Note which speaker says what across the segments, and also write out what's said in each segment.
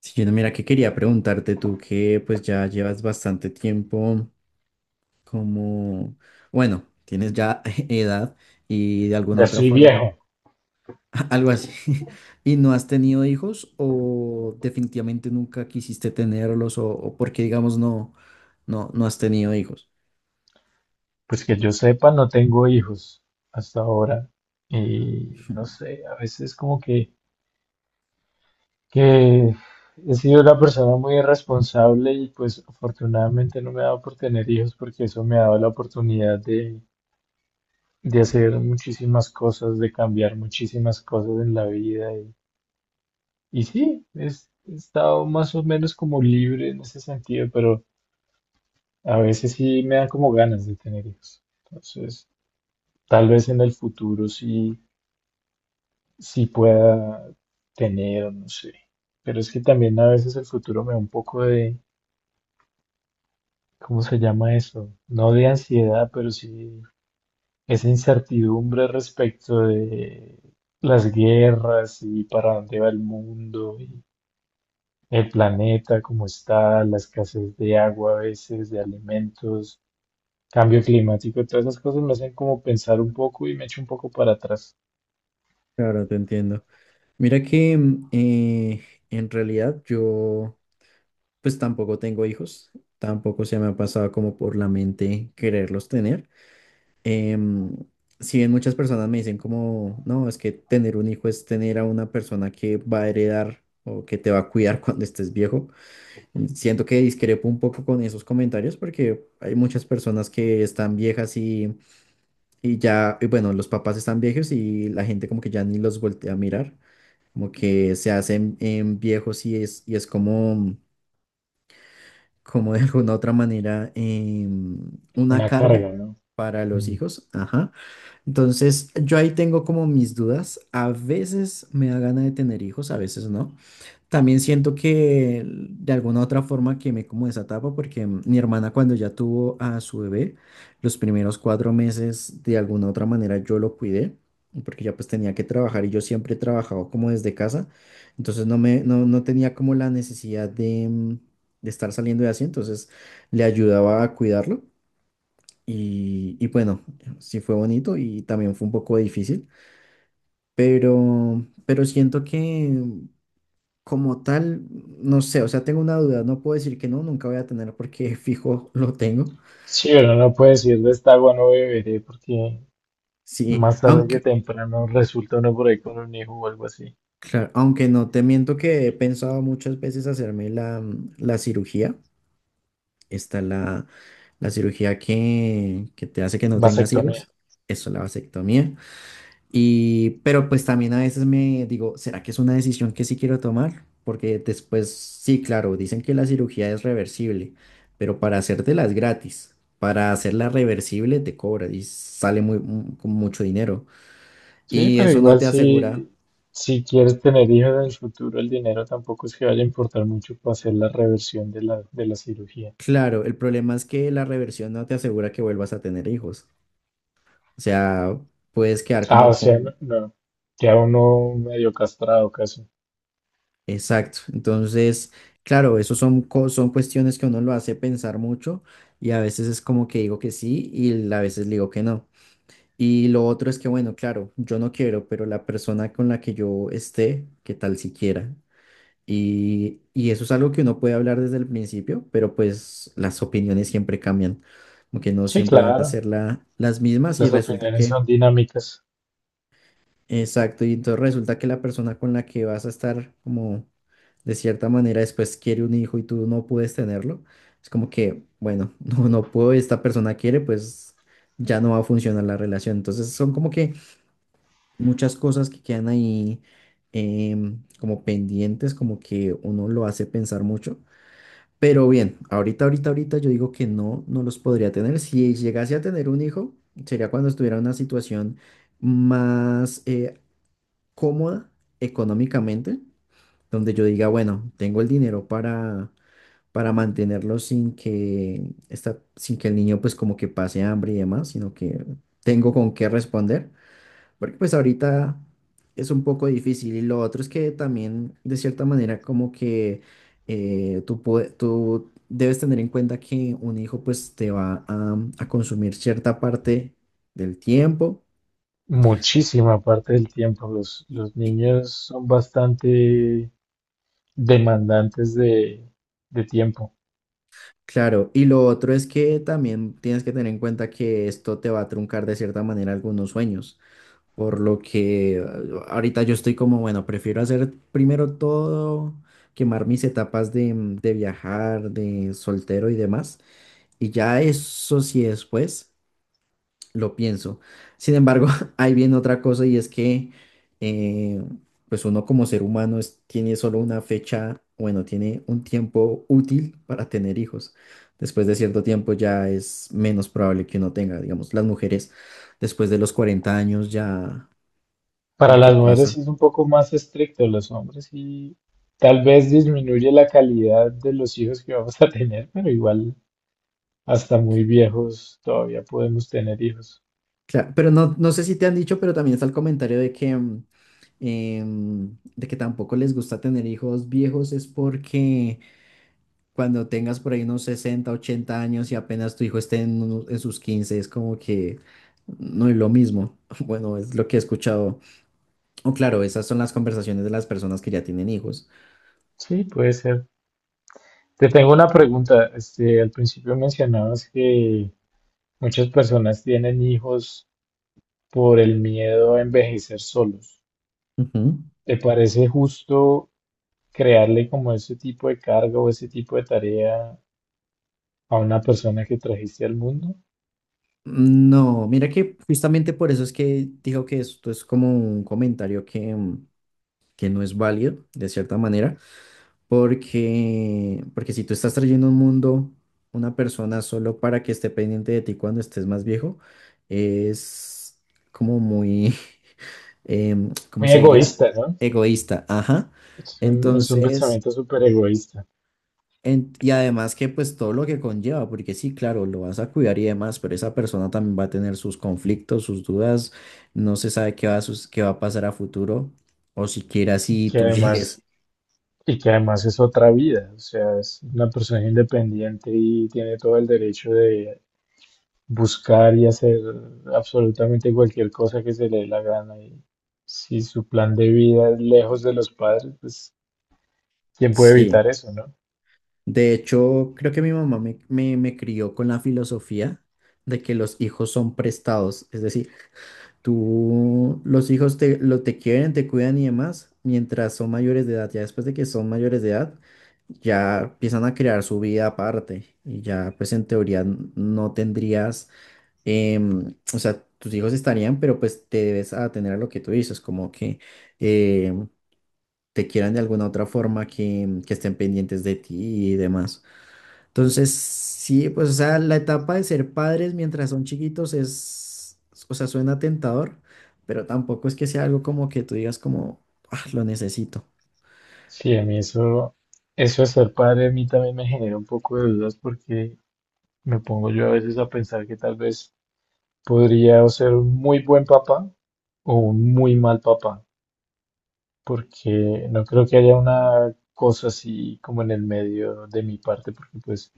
Speaker 1: Sí, no, mira que quería preguntarte, tú que pues ya llevas bastante tiempo como, bueno, tienes ya edad y de alguna
Speaker 2: Ya
Speaker 1: otra
Speaker 2: estoy
Speaker 1: forma,
Speaker 2: viejo.
Speaker 1: algo así, y no has tenido hijos, o definitivamente nunca quisiste tenerlos, o porque digamos no, no has tenido hijos.
Speaker 2: Pues que yo sepa, no tengo hijos hasta ahora. Y no sé, a veces como que, que he sido una persona muy irresponsable y pues afortunadamente no me ha dado por tener hijos porque eso me ha dado la oportunidad de hacer muchísimas cosas, de cambiar muchísimas cosas en la vida. Y sí, he estado más o menos como libre en ese sentido, pero a veces sí me dan como ganas de tener hijos. Entonces, tal vez en el futuro sí pueda tener, no sé. Pero es que también a veces el futuro me da un poco de, ¿cómo se llama eso? No de ansiedad, pero sí esa incertidumbre respecto de las guerras y para dónde va el mundo y el planeta, cómo está, la escasez de agua a veces, de alimentos, cambio climático, todas esas cosas me hacen como pensar un poco y me echo un poco para atrás.
Speaker 1: Claro, te entiendo. Mira que en realidad yo pues tampoco tengo hijos, tampoco se me ha pasado como por la mente quererlos tener. Em, si bien muchas personas me dicen como, no, es que tener un hijo es tener a una persona que va a heredar o que te va a cuidar cuando estés viejo, siento que discrepo un poco con esos comentarios porque hay muchas personas que están viejas y ya, y bueno, los papás están viejos y la gente como que ya ni los voltea a mirar, como que se hacen viejos y es como como de alguna otra manera, una
Speaker 2: Una
Speaker 1: carga
Speaker 2: carga, ¿no?
Speaker 1: para los
Speaker 2: Mm.
Speaker 1: hijos. Ajá. Entonces, yo ahí tengo como mis dudas. A veces me da gana de tener hijos, a veces no. También siento que de alguna u otra forma quemé como esa etapa porque mi hermana, cuando ya tuvo a su bebé, los primeros cuatro meses de alguna u otra manera yo lo cuidé porque ya pues tenía que trabajar y yo siempre he trabajado como desde casa, entonces no me no tenía como la necesidad de, de estar saliendo de así, entonces le ayudaba a cuidarlo y bueno, sí fue bonito y también fue un poco difícil, pero siento que mm, como tal, no sé, o sea, tengo una duda, no puedo decir que no, nunca voy a tener porque fijo lo tengo.
Speaker 2: Sí, pero no puede decir de esta agua no beberé porque
Speaker 1: Sí,
Speaker 2: más tarde que
Speaker 1: aunque,
Speaker 2: temprano resulta uno por ahí con un hijo o algo así.
Speaker 1: claro, aunque no, te miento que he pensado muchas veces hacerme la, la cirugía. Está la, la cirugía que te hace que no tengas
Speaker 2: Vasectomía.
Speaker 1: hijos, eso, la vasectomía. Y, pero pues también a veces me digo, ¿será que es una decisión que sí quiero tomar? Porque después, sí, claro, dicen que la cirugía es reversible, pero para hacértela es gratis. Para hacerla reversible te cobra y sale muy, mu- con mucho dinero.
Speaker 2: Sí,
Speaker 1: Y
Speaker 2: pero
Speaker 1: eso no
Speaker 2: igual
Speaker 1: te asegura,
Speaker 2: si, si quieres tener hijos en el futuro, el dinero tampoco es que vaya a importar mucho para hacer la reversión de la cirugía.
Speaker 1: claro, el problema es que la reversión no te asegura que vuelvas a tener hijos. O sea, puedes quedar
Speaker 2: Ah, o
Speaker 1: como
Speaker 2: sea,
Speaker 1: con...
Speaker 2: no, no, queda uno medio castrado casi.
Speaker 1: Exacto. Entonces, claro, eso son, co- son cuestiones que uno lo hace pensar mucho y a veces es como que digo que sí y a veces le digo que no. Y lo otro es que, bueno, claro, yo no quiero, pero la persona con la que yo esté, qué tal si quiera. Y eso es algo que uno puede hablar desde el principio, pero pues las opiniones siempre cambian, como que no
Speaker 2: Sí,
Speaker 1: siempre van a
Speaker 2: claro,
Speaker 1: ser la- las mismas y
Speaker 2: las
Speaker 1: resulta
Speaker 2: opiniones
Speaker 1: que...
Speaker 2: son dinámicas.
Speaker 1: Exacto, y entonces resulta que la persona con la que vas a estar como de cierta manera después quiere un hijo y tú no puedes tenerlo, es como que, bueno, no, no puedo, esta persona quiere, pues ya no va a funcionar la relación. Entonces son como que muchas cosas que quedan ahí como pendientes, como que uno lo hace pensar mucho. Pero bien, ahorita, ahorita, ahorita yo digo que no, no los podría tener. Si llegase a tener un hijo, sería cuando estuviera en una situación más avanzada, cómoda económicamente, donde yo diga, bueno, tengo el dinero para mantenerlo sin que, esta, sin que el niño pues como que pase hambre y demás, sino que tengo con qué responder, porque pues ahorita es un poco difícil. Y lo otro es que también de cierta manera como que tú, pue- tú debes tener en cuenta que un hijo pues te va a consumir cierta parte del tiempo.
Speaker 2: Muchísima parte del tiempo los niños son bastante demandantes de tiempo.
Speaker 1: Claro, y lo otro es que también tienes que tener en cuenta que esto te va a truncar de cierta manera algunos sueños, por lo que ahorita yo estoy como, bueno, prefiero hacer primero todo, quemar mis etapas de, de viajar, de soltero y demás, y ya eso sí después lo pienso. Sin embargo, ahí viene otra cosa, y es que, eh, pues uno como ser humano es- tiene solo una fecha, bueno, tiene un tiempo útil para tener hijos. Después de cierto tiempo ya es menos probable que uno tenga, digamos, las mujeres después de los 40 años ya
Speaker 2: Para
Speaker 1: como que
Speaker 2: las mujeres
Speaker 1: pasa.
Speaker 2: sí es un poco más estricto, los hombres y tal vez disminuye la calidad de los hijos que vamos a tener, pero igual hasta muy viejos todavía podemos tener hijos.
Speaker 1: Claro, pero no, no sé si te han dicho, pero también está el comentario de que, de que tampoco les gusta tener hijos viejos es porque cuando tengas por ahí unos 60, 80 años y apenas tu hijo esté en, unos- en sus quince, es como que no es lo mismo. Bueno, es lo que he escuchado. O claro, esas son las conversaciones de las personas que ya tienen hijos.
Speaker 2: Sí, puede ser. Te tengo una pregunta. Este, al principio mencionabas que muchas personas tienen hijos por el miedo a envejecer solos.
Speaker 1: Ujú.
Speaker 2: ¿Te parece justo crearle como ese tipo de carga o ese tipo de tarea a una persona que trajiste al mundo?
Speaker 1: No, mira que justamente por eso es que digo que esto es como un comentario que, que no es válido, de cierta manera. Porque, porque si tú estás trayendo a un mundo una persona solo para que esté pendiente de ti cuando estés más viejo, es como muy, ¿cómo
Speaker 2: Muy
Speaker 1: se diría?
Speaker 2: egoísta, ¿no?
Speaker 1: Egoísta, ajá.
Speaker 2: Es un
Speaker 1: Entonces,
Speaker 2: pensamiento súper egoísta
Speaker 1: en- y además que pues todo lo que conlleva, porque sí, claro, lo vas a cuidar y demás, pero esa persona también va a tener sus conflictos, sus dudas, no se sabe qué va a, sus- qué va a pasar a futuro, o siquiera si
Speaker 2: que
Speaker 1: tú
Speaker 2: además,
Speaker 1: llegues.
Speaker 2: y que además es otra vida, o sea, es una persona independiente y tiene todo el derecho de buscar y hacer absolutamente cualquier cosa que se le dé la gana. Y si su plan de vida es lejos de los padres, pues ¿quién puede
Speaker 1: Sí.
Speaker 2: evitar eso, no?
Speaker 1: De hecho, creo que mi mamá me crió con la filosofía de que los hijos son prestados. Es decir, tú, los hijos te, lo, te quieren, te cuidan y demás, mientras son mayores de edad. Ya después de que son mayores de edad, ya empiezan a crear su vida aparte y ya pues en teoría n- no tendrías, o sea, tus hijos estarían, pero pues te debes atener a lo que tú dices, como que em, te quieran de alguna otra forma, que estén pendientes de ti y demás. Entonces, sí, pues, o sea, la etapa de ser padres mientras son chiquitos es, o sea, suena tentador, pero tampoco es que sea algo como que tú digas como, ah, lo necesito.
Speaker 2: Sí, a mí eso, eso de ser padre a mí también me genera un poco de dudas porque me pongo yo a veces a pensar que tal vez podría o ser un muy buen papá o un muy mal papá, porque no creo que haya una cosa así como en el medio de mi parte, porque pues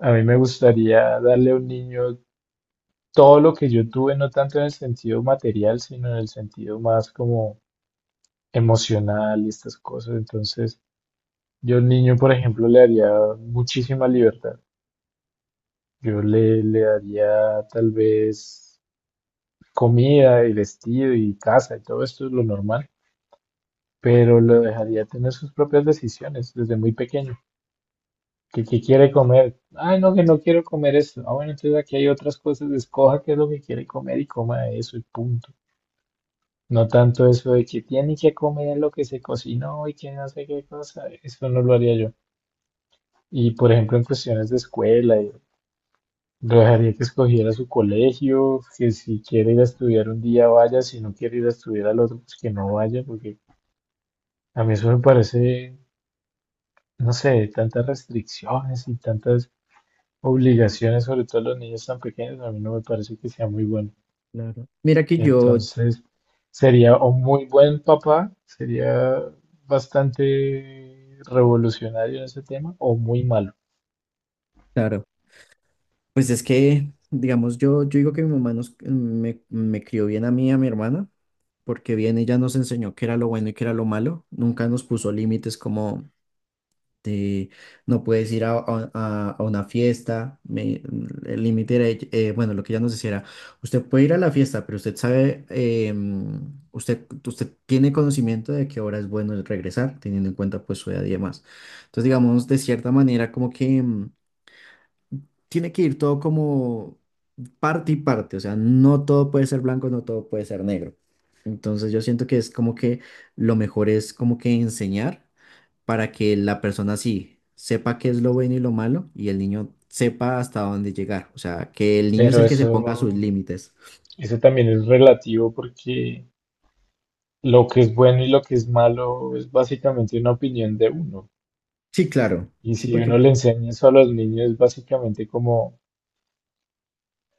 Speaker 2: a mí me gustaría darle a un niño todo lo que yo tuve, no tanto en el sentido material, sino en el sentido más como emocional y estas cosas. Entonces, yo al niño, por ejemplo, le daría muchísima libertad. Le daría tal vez comida y vestido y casa y todo esto es lo normal, pero lo dejaría tener sus propias decisiones desde muy pequeño. Que quiere comer. Ay, no, que no quiero comer eso. Ah, bueno, entonces aquí hay otras cosas. Escoja qué es lo que quiere comer y coma eso y punto. No tanto eso de que tiene que comer lo que se cocinó y que no sé qué cosa. Eso no lo haría yo. Y por ejemplo, en cuestiones de escuela, yo lo dejaría que escogiera su colegio, que si quiere ir a estudiar un día vaya, si no quiere ir a estudiar al otro, pues que no vaya, porque a mí eso me parece, no sé, tantas restricciones y tantas obligaciones, sobre todo a los niños tan pequeños, a mí no me parece que sea muy bueno.
Speaker 1: Claro. Mira que yo,
Speaker 2: Entonces, sería un muy buen papá, sería bastante revolucionario en ese tema, o muy malo.
Speaker 1: claro, pues es que, digamos, yo digo que mi mamá nos, me crió bien a mí y a mi hermana, porque bien ella nos enseñó qué era lo bueno y qué era lo malo, nunca nos puso límites como... Este, no puedes ir a una fiesta. Me- el límite era, bueno, lo que ya nos decía era, usted puede ir a la fiesta, pero usted sabe, usted, usted tiene conocimiento de qué hora es bueno el regresar, teniendo en cuenta pues su edad y demás. Entonces, digamos, de cierta manera, como que tiene que ir todo como parte y parte, o sea, no todo puede ser blanco, no todo puede ser negro. Entonces, yo siento que es como que lo mejor es como que enseñar para que la persona sí sepa qué es lo bueno y lo malo y el niño sepa hasta dónde llegar. O sea, que el niño es
Speaker 2: Pero
Speaker 1: el que se ponga sus
Speaker 2: eso,
Speaker 1: límites.
Speaker 2: eso también es relativo porque lo que es bueno y lo que es malo es básicamente una opinión de uno.
Speaker 1: Sí, claro.
Speaker 2: Y
Speaker 1: Sí,
Speaker 2: si
Speaker 1: porque...
Speaker 2: uno le enseña eso a los niños, es básicamente como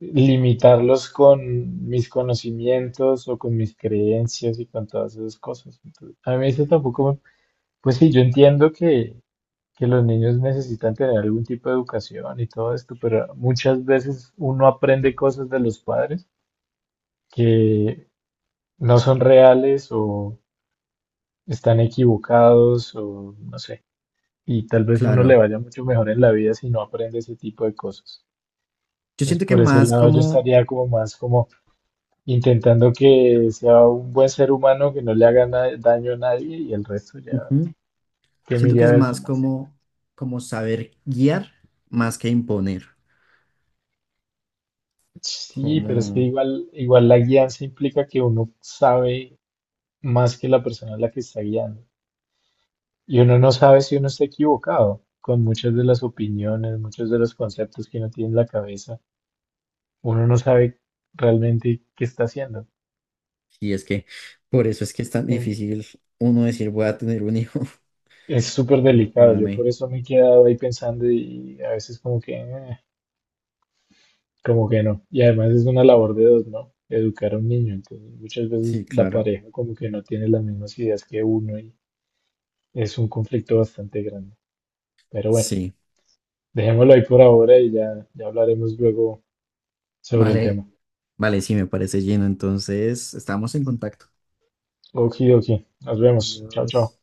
Speaker 2: limitarlos con mis conocimientos o con mis creencias y con todas esas cosas. Entonces, a mí eso tampoco me- Pues sí, yo entiendo que los niños necesitan tener algún tipo de educación y todo esto, pero muchas veces uno aprende cosas de los padres que no son reales o están equivocados o no sé. Y tal vez uno le
Speaker 1: Claro.
Speaker 2: vaya mucho mejor en la vida si no aprende ese tipo de cosas.
Speaker 1: Yo
Speaker 2: Entonces,
Speaker 1: siento que
Speaker 2: por ese
Speaker 1: más
Speaker 2: lado yo
Speaker 1: como,
Speaker 2: estaría como más como intentando que sea un buen ser humano, que no le haga daño a nadie y el resto ya
Speaker 1: ujú,
Speaker 2: que
Speaker 1: siento
Speaker 2: mire
Speaker 1: que
Speaker 2: a
Speaker 1: es
Speaker 2: ver
Speaker 1: más
Speaker 2: cómo hace.
Speaker 1: como, como saber guiar más que imponer.
Speaker 2: Sí, pero es que
Speaker 1: Como...
Speaker 2: igual, igual la guianza implica que uno sabe más que la persona a la que está guiando. Y uno no sabe si uno está equivocado con muchas de las opiniones, muchos de los conceptos que uno tiene en la cabeza. Uno no sabe realmente qué está haciendo.
Speaker 1: Y es que por eso es que es tan
Speaker 2: Es
Speaker 1: difícil uno decir voy a tener un hijo.
Speaker 2: es súper
Speaker 1: O bueno, para
Speaker 2: delicado. Yo
Speaker 1: mí.
Speaker 2: por eso me he quedado ahí pensando y a veces como que... como que no. Y además es una labor de dos, ¿no? Educar a un niño. Entonces, muchas
Speaker 1: Sí,
Speaker 2: veces la
Speaker 1: claro.
Speaker 2: pareja como que no tiene las mismas ideas que uno y es un conflicto bastante grande. Pero bueno,
Speaker 1: Sí.
Speaker 2: dejémoslo ahí por ahora y ya, ya hablaremos luego sobre el
Speaker 1: Vale.
Speaker 2: tema.
Speaker 1: Vale, sí, me parece lleno. Entonces, estamos en contacto.
Speaker 2: Okidoki. Nos vemos. Chao,
Speaker 1: Adiós.
Speaker 2: chao.